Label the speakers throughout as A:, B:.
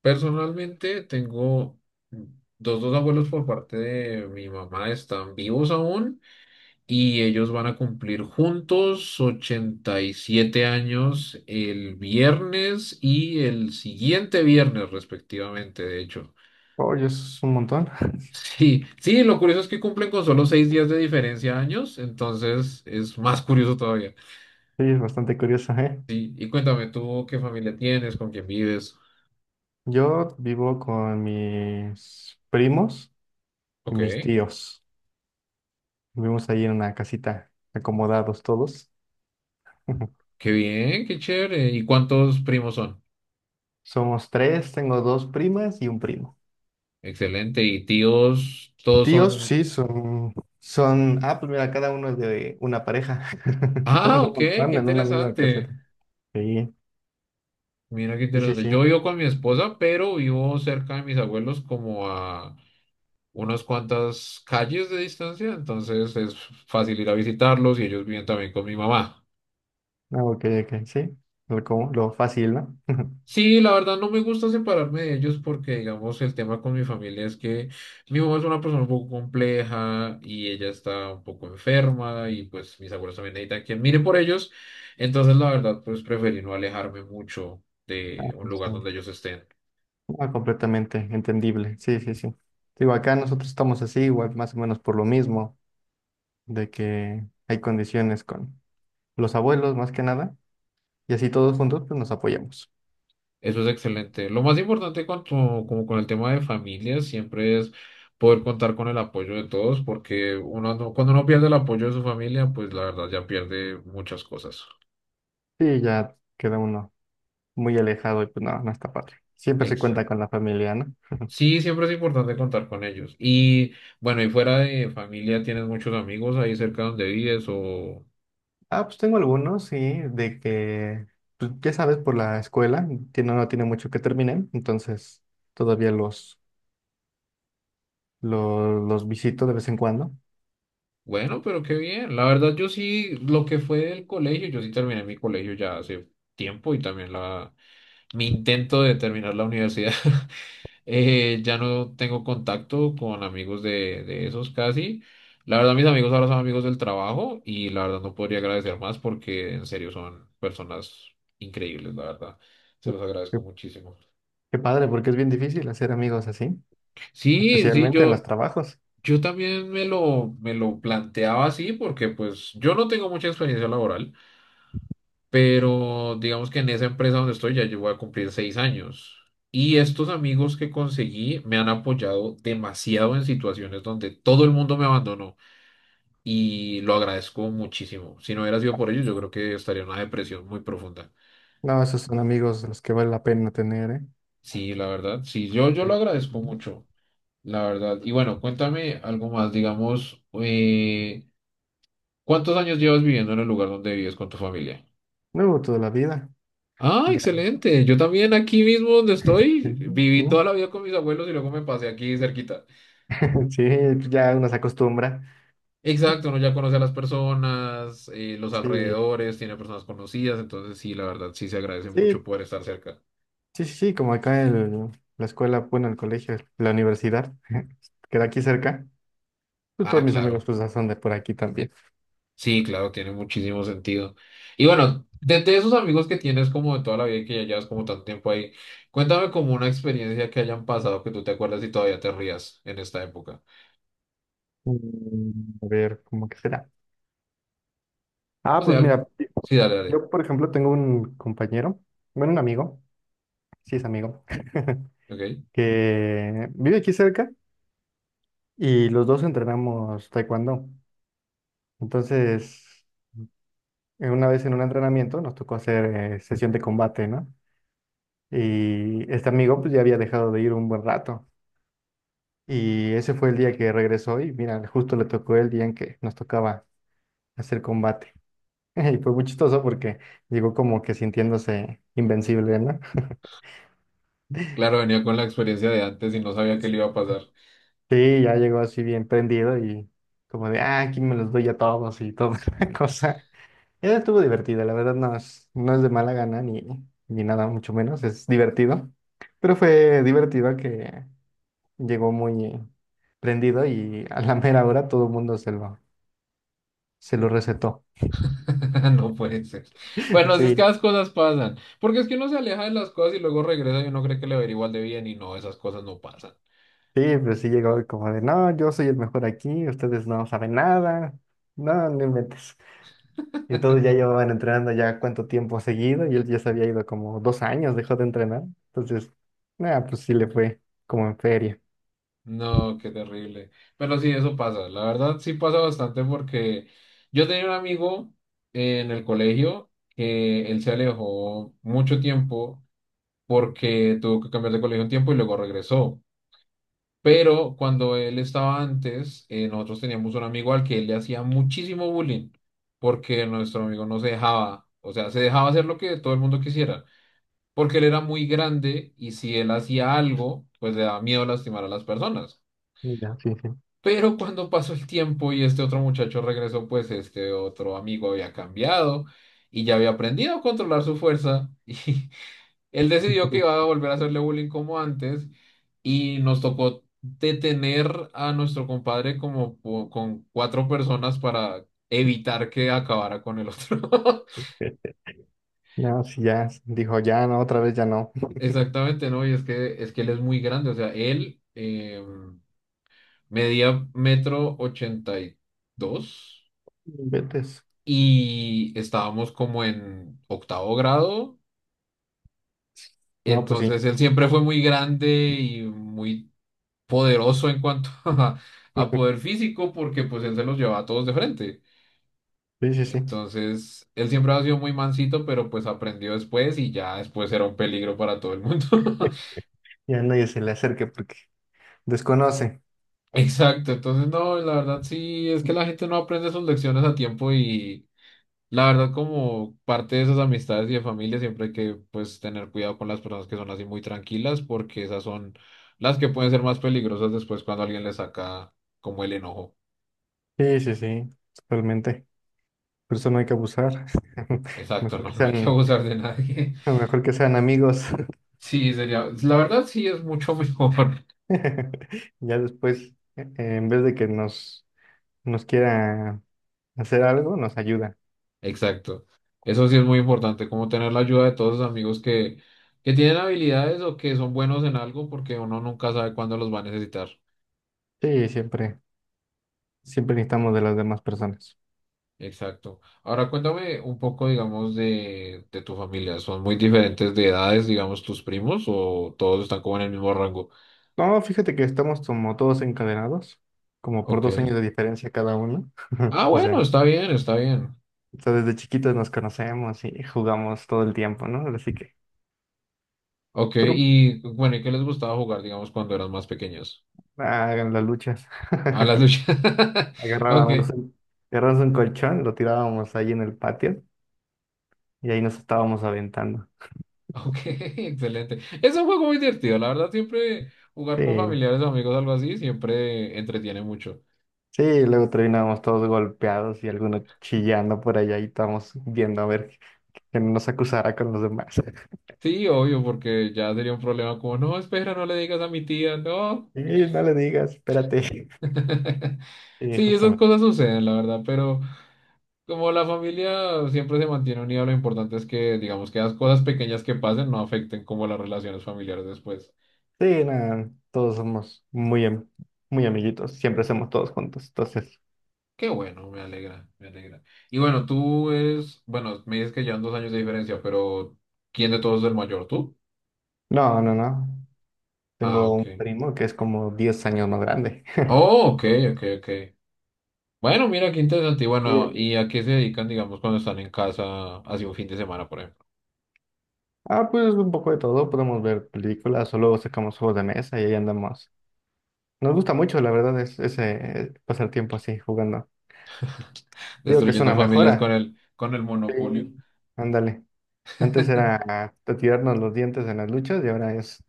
A: Personalmente tengo dos abuelos por parte de mi mamá, están vivos aún y ellos van a cumplir juntos 87 años el viernes y el siguiente viernes respectivamente, de hecho.
B: Oye, eso es un montón.
A: Sí, sí, lo curioso es que cumplen con solo 6 días de diferencia años, entonces es más curioso todavía.
B: Sí, es bastante curioso, ¿eh?
A: Sí, y cuéntame tú qué familia tienes, con quién vives.
B: Yo vivo con mis primos y
A: Ok,
B: mis tíos. Vivimos ahí en una casita, acomodados todos.
A: qué bien, qué chévere. ¿Y cuántos primos son?
B: Somos tres, tengo dos primas y un primo.
A: Excelente. Y tíos, todos
B: Tíos,
A: son.
B: sí, pues mira, cada uno es de una pareja. Son
A: Ah,
B: un
A: ok, qué
B: montón en una misma
A: interesante.
B: caseta. Sí,
A: Mira qué
B: sí, sí,
A: interesante.
B: sí.
A: Yo vivo con mi esposa, pero vivo cerca de mis abuelos, como a unas cuantas calles de distancia. Entonces es fácil ir a visitarlos y ellos viven también con mi mamá.
B: Ah, ok, ok, sí. Lo fácil, ¿no?
A: Sí, la verdad no me gusta separarme de ellos porque, digamos, el tema con mi familia es que mi mamá es una persona un poco compleja y ella está un poco enferma y pues mis abuelos también necesitan quien mire por ellos. Entonces, la verdad, pues preferí no alejarme mucho de un lugar
B: Sí.
A: donde ellos estén.
B: Ah, completamente entendible. Sí, sí, sí. Digo, acá nosotros estamos así, igual más o menos por lo mismo, de que hay condiciones con los abuelos más que nada, y así todos juntos pues nos apoyamos.
A: Eso es excelente. Lo más importante con como con el tema de familia siempre es poder contar con el apoyo de todos porque uno, cuando uno pierde el apoyo de su familia, pues la verdad ya pierde muchas cosas.
B: Sí, ya queda uno muy alejado y pues no, no está padre. Siempre se cuenta
A: Exacto.
B: con la familia, ¿no?
A: Sí, siempre es importante contar con ellos. Y bueno, y fuera de familia, ¿tienes muchos amigos ahí cerca donde vives? O
B: Ah, pues tengo algunos, sí, de que, pues ya sabes, por la escuela, tiene, no tiene mucho que terminar, entonces todavía los visito de vez en cuando.
A: bueno, pero qué bien. La verdad, yo sí, lo que fue del colegio, yo sí terminé mi colegio ya hace tiempo y también la mi intento de terminar la universidad. Ya no tengo contacto con amigos de esos casi. La verdad, mis amigos ahora son amigos del trabajo y la verdad no podría agradecer más porque en serio son personas increíbles, la verdad. Se los
B: Qué,
A: agradezco muchísimo.
B: qué padre, porque es bien difícil hacer amigos así.
A: Sí, sí,
B: Especialmente en los
A: yo,
B: trabajos.
A: yo también me lo planteaba así porque pues yo no tengo mucha experiencia laboral, pero digamos que en esa empresa donde estoy ya yo voy a cumplir 6 años. Y estos amigos que conseguí me han apoyado demasiado en situaciones donde todo el mundo me abandonó y lo agradezco muchísimo. Si no hubiera sido por ellos, yo creo que estaría en una depresión muy profunda.
B: No, esos son amigos los que vale la pena tener, ¿eh?
A: Sí, la verdad, sí, yo
B: Sí,
A: lo
B: sí,
A: agradezco
B: sí.
A: mucho, la verdad. Y bueno, cuéntame algo más, digamos, ¿cuántos años llevas viviendo en el lugar donde vives con tu familia?
B: No, toda la vida.
A: Ah,
B: Ya.
A: excelente. Yo también aquí mismo donde
B: Sí,
A: estoy,
B: sí.
A: viví toda la vida con mis abuelos y luego me pasé aquí cerquita.
B: Sí, ya uno se acostumbra. Sí,
A: Exacto, uno ya conoce a las personas, los
B: sí,
A: alrededores, tiene personas conocidas, entonces sí, la verdad, sí se agradece
B: sí,
A: mucho poder estar cerca.
B: sí, sí, como acá en la escuela, bueno, el colegio, la universidad, queda aquí cerca. Pues todos
A: Ah,
B: mis amigos
A: claro.
B: pues son de por aquí también.
A: Sí, claro, tiene muchísimo sentido. Y bueno, de desde esos amigos que tienes como de toda la vida y que ya llevas como tanto tiempo ahí, cuéntame como una experiencia que hayan pasado que tú te acuerdas y todavía te rías en esta época.
B: A ver, ¿cómo que será? Ah,
A: No sé,
B: pues mira,
A: algo. Sí, dale, dale.
B: yo por ejemplo tengo un compañero, bueno, un amigo, sí es amigo,
A: Ok.
B: que vive aquí cerca, y los dos entrenamos taekwondo. Entonces, una vez en un entrenamiento nos tocó hacer sesión de combate, ¿no? Y este amigo pues ya había dejado de ir un buen rato. Y ese fue el día que regresó y mira, justo le tocó el día en que nos tocaba hacer combate. Y fue muy chistoso porque llegó como que sintiéndose invencible, ¿no?
A: Claro, venía con la experiencia de antes y no sabía que le iba a pasar.
B: Sí, ya llegó así bien prendido y como de, ah, aquí me los doy a todos y toda la cosa. Esa estuvo divertida, la verdad no es, no es de mala gana ni, ni nada, mucho menos, es divertido. Pero fue divertido que llegó muy prendido y a la mera hora todo el mundo se lo recetó.
A: No puede ser. Bueno, así es que
B: Sí,
A: las cosas pasan. Porque es que uno se aleja de las cosas y luego regresa y uno cree que le va a ir igual de bien y no, esas cosas no pasan.
B: sí, pues sí llegó como de, no, yo soy el mejor aquí, ustedes no saben nada, no, no inventes. Y todos ya llevaban entrenando ya cuánto tiempo seguido y él ya se había ido como 2 años, dejó de entrenar. Entonces, nada, pues sí le fue como en feria.
A: No, qué terrible. Pero sí, eso pasa. La verdad, sí pasa bastante porque yo tenía un amigo en el colegio que él se alejó mucho tiempo porque tuvo que cambiar de colegio un tiempo y luego regresó. Pero cuando él estaba antes, nosotros teníamos un amigo al que él le hacía muchísimo bullying, porque nuestro amigo no se dejaba, o sea, se dejaba hacer lo que todo el mundo quisiera, porque él era muy grande y si él hacía algo, pues le daba miedo lastimar a las personas.
B: Ya, sí, sí.
A: Pero cuando pasó el tiempo y este otro muchacho regresó, pues este otro amigo había cambiado y ya había aprendido a controlar su fuerza. Él decidió que iba a volver a hacerle bullying como antes y nos tocó detener a nuestro compadre como con cuatro personas para evitar que acabara con el otro.
B: No, sí, ya, dijo, ya, no, otra vez ya no.
A: Exactamente, ¿no? Y es que él es muy grande, o sea, él medía 1,82 m
B: Vete.
A: y estábamos como en octavo grado,
B: No, pues sí.
A: entonces él siempre fue muy grande y muy poderoso en cuanto a poder físico porque pues él se los llevaba a todos de frente.
B: Sí, sí, sí.
A: Entonces, él siempre ha sido muy mansito, pero pues aprendió después y ya después era un peligro para todo el mundo.
B: Ya nadie se le acerque porque desconoce.
A: Exacto, entonces no, la verdad sí, es que la gente no aprende sus lecciones a tiempo y la verdad como parte de esas amistades y de familia siempre hay que pues tener cuidado con las personas que son así muy tranquilas porque esas son las que pueden ser más peligrosas después cuando alguien le saca como el enojo.
B: Sí, sí, sí, totalmente. Por eso no hay que abusar.
A: Exacto,
B: Mejor que
A: no, no hay que
B: sean,
A: abusar de nadie.
B: mejor que sean amigos.
A: Sí, sería, la verdad sí es mucho mejor.
B: Ya después, en vez de que nos quiera hacer algo, nos ayuda.
A: Exacto. Eso sí es muy importante, como tener la ayuda de todos los amigos que tienen habilidades o que son buenos en algo, porque uno nunca sabe cuándo los va a necesitar.
B: Sí, siempre, siempre necesitamos de las demás personas.
A: Exacto. Ahora cuéntame un poco, digamos, de tu familia. ¿Son muy diferentes de edades, digamos, tus primos o todos están como en el mismo rango?
B: No, fíjate que estamos como todos encadenados, como por dos
A: Ok.
B: años de diferencia cada uno.
A: Ah,
B: O
A: bueno,
B: sea.
A: está bien, está bien.
B: Entonces, desde chiquitos nos conocemos y jugamos todo el tiempo, ¿no? Así que,
A: Ok,
B: pero
A: y bueno, ¿y qué les gustaba jugar, digamos, cuando eran más pequeños?
B: hagan las luchas.
A: A las luchas. Ok.
B: Agarrábamos un, agarrábamos un colchón, lo tirábamos ahí en el patio y ahí nos estábamos aventando.
A: Ok, excelente. Es un juego muy divertido, la verdad, siempre jugar con
B: Sí,
A: familiares o amigos, algo así, siempre entretiene mucho.
B: sí, luego terminábamos todos golpeados y algunos chillando por allá y estábamos viendo a ver que no nos acusara con los demás.
A: Sí, obvio, porque ya sería un problema como, no, espera, no le digas a mi tía, no.
B: Sí, no le digas, espérate. Sí,
A: Sí, esas
B: justamente.
A: cosas suceden, la verdad, pero como la familia siempre se mantiene unida, lo importante es que, digamos, que las cosas pequeñas que pasen no afecten como las relaciones familiares después.
B: Sí, nada, todos somos muy, am- muy amiguitos, siempre hacemos todos juntos, entonces.
A: Qué bueno, me alegra, me alegra. Y bueno, tú eres, bueno, me dices que llevan 2 años de diferencia, pero ¿quién de todos es el mayor? ¿Tú?
B: No, no, no.
A: Ah,
B: Tengo un
A: ok.
B: primo que es como 10 años más grande.
A: Oh, ok, ok, ok. Bueno, mira qué interesante. Y
B: Y,
A: bueno,
B: eh,
A: ¿y a qué se dedican, digamos, cuando están en casa, así un fin de semana, por ejemplo?
B: pues un poco de todo, podemos ver películas o luego sacamos juegos de mesa y ahí andamos. Nos gusta mucho, la verdad, es ese pasar tiempo así jugando. Digo que es
A: Destruyendo
B: una
A: familias con
B: mejora.
A: con el
B: Sí.
A: monopolio.
B: Ándale. Antes era ah, tirarnos los dientes en las luchas y ahora es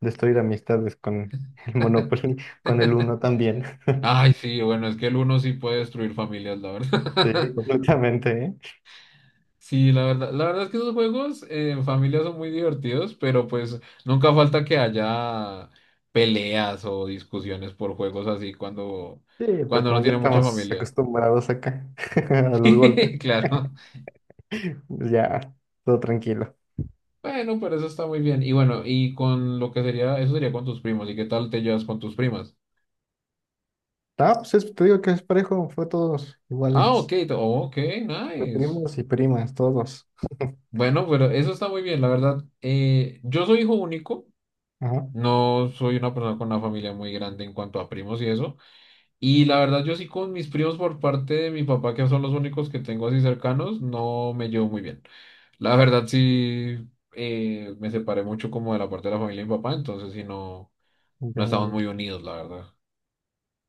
B: destruir amistades con el Monopoly, con el Uno también.
A: Ay, sí, bueno, es que el uno sí puede destruir familias, la
B: Sí,
A: verdad.
B: completamente, ¿eh?
A: Sí, la verdad es que esos juegos en familia son muy divertidos, pero pues nunca falta que haya peleas o discusiones por juegos así cuando,
B: Sí, pero
A: cuando no
B: como ya
A: tiene mucha
B: estamos
A: familia.
B: acostumbrados acá a los golpes.
A: Claro.
B: Pues ya, todo tranquilo.
A: Bueno, pero eso está muy bien. Y bueno, y con lo que sería, eso sería con tus primos. ¿Y qué tal te llevas con tus primas?
B: Te digo que es parejo, fue todos
A: Ah, ok,
B: iguales.
A: ok,
B: Fue
A: nice.
B: primos y primas, todos.
A: Bueno, pero eso está muy bien, la verdad. Yo soy hijo único.
B: Ajá.
A: No soy una persona con una familia muy grande en cuanto a primos y eso. Y la verdad, yo sí con mis primos por parte de mi papá, que son los únicos que tengo así cercanos, no me llevo muy bien. La verdad, sí, me separé mucho como de la parte de la familia de mi papá, entonces sí, no,
B: Ya,
A: no
B: ya,
A: estamos
B: ya.
A: muy unidos, la verdad.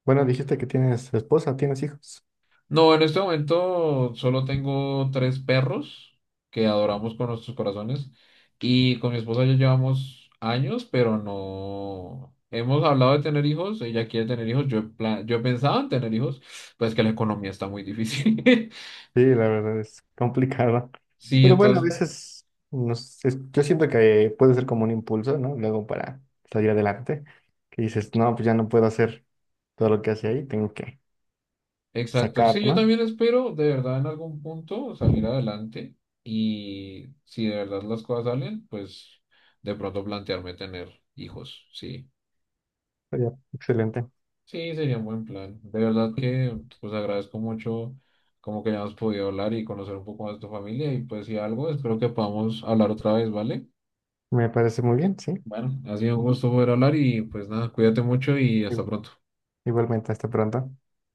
B: Bueno, dijiste que tienes esposa, tienes hijos.
A: No, en este momento solo tengo tres perros que adoramos con nuestros corazones y con mi esposa ya llevamos años, pero no hemos hablado de tener hijos, ella quiere tener hijos, yo he pensado en tener hijos, pues que la economía está muy difícil.
B: Sí, la verdad es complicado.
A: Sí,
B: Pero bueno, a
A: entonces,
B: veces nos, es- yo siento que puede ser como un impulso, ¿no? Luego para salir adelante, que dices, no, pues ya no puedo hacer todo lo que hace ahí, tengo que
A: exacto.
B: sacar,
A: Sí, yo
B: ¿no?
A: también espero de verdad en algún punto salir adelante y si de verdad las cosas salen, pues de pronto plantearme tener hijos, sí.
B: Pero ya, excelente.
A: Sí, sería un buen plan. De verdad que pues agradezco mucho como que hayamos podido hablar y conocer un poco más de tu familia y pues si algo, espero que podamos hablar otra vez, ¿vale?
B: Me parece muy bien, sí.
A: Bueno, ha sido un gusto poder hablar y pues nada, cuídate mucho y hasta
B: Igu-
A: pronto.
B: Igualmente, hasta pronto.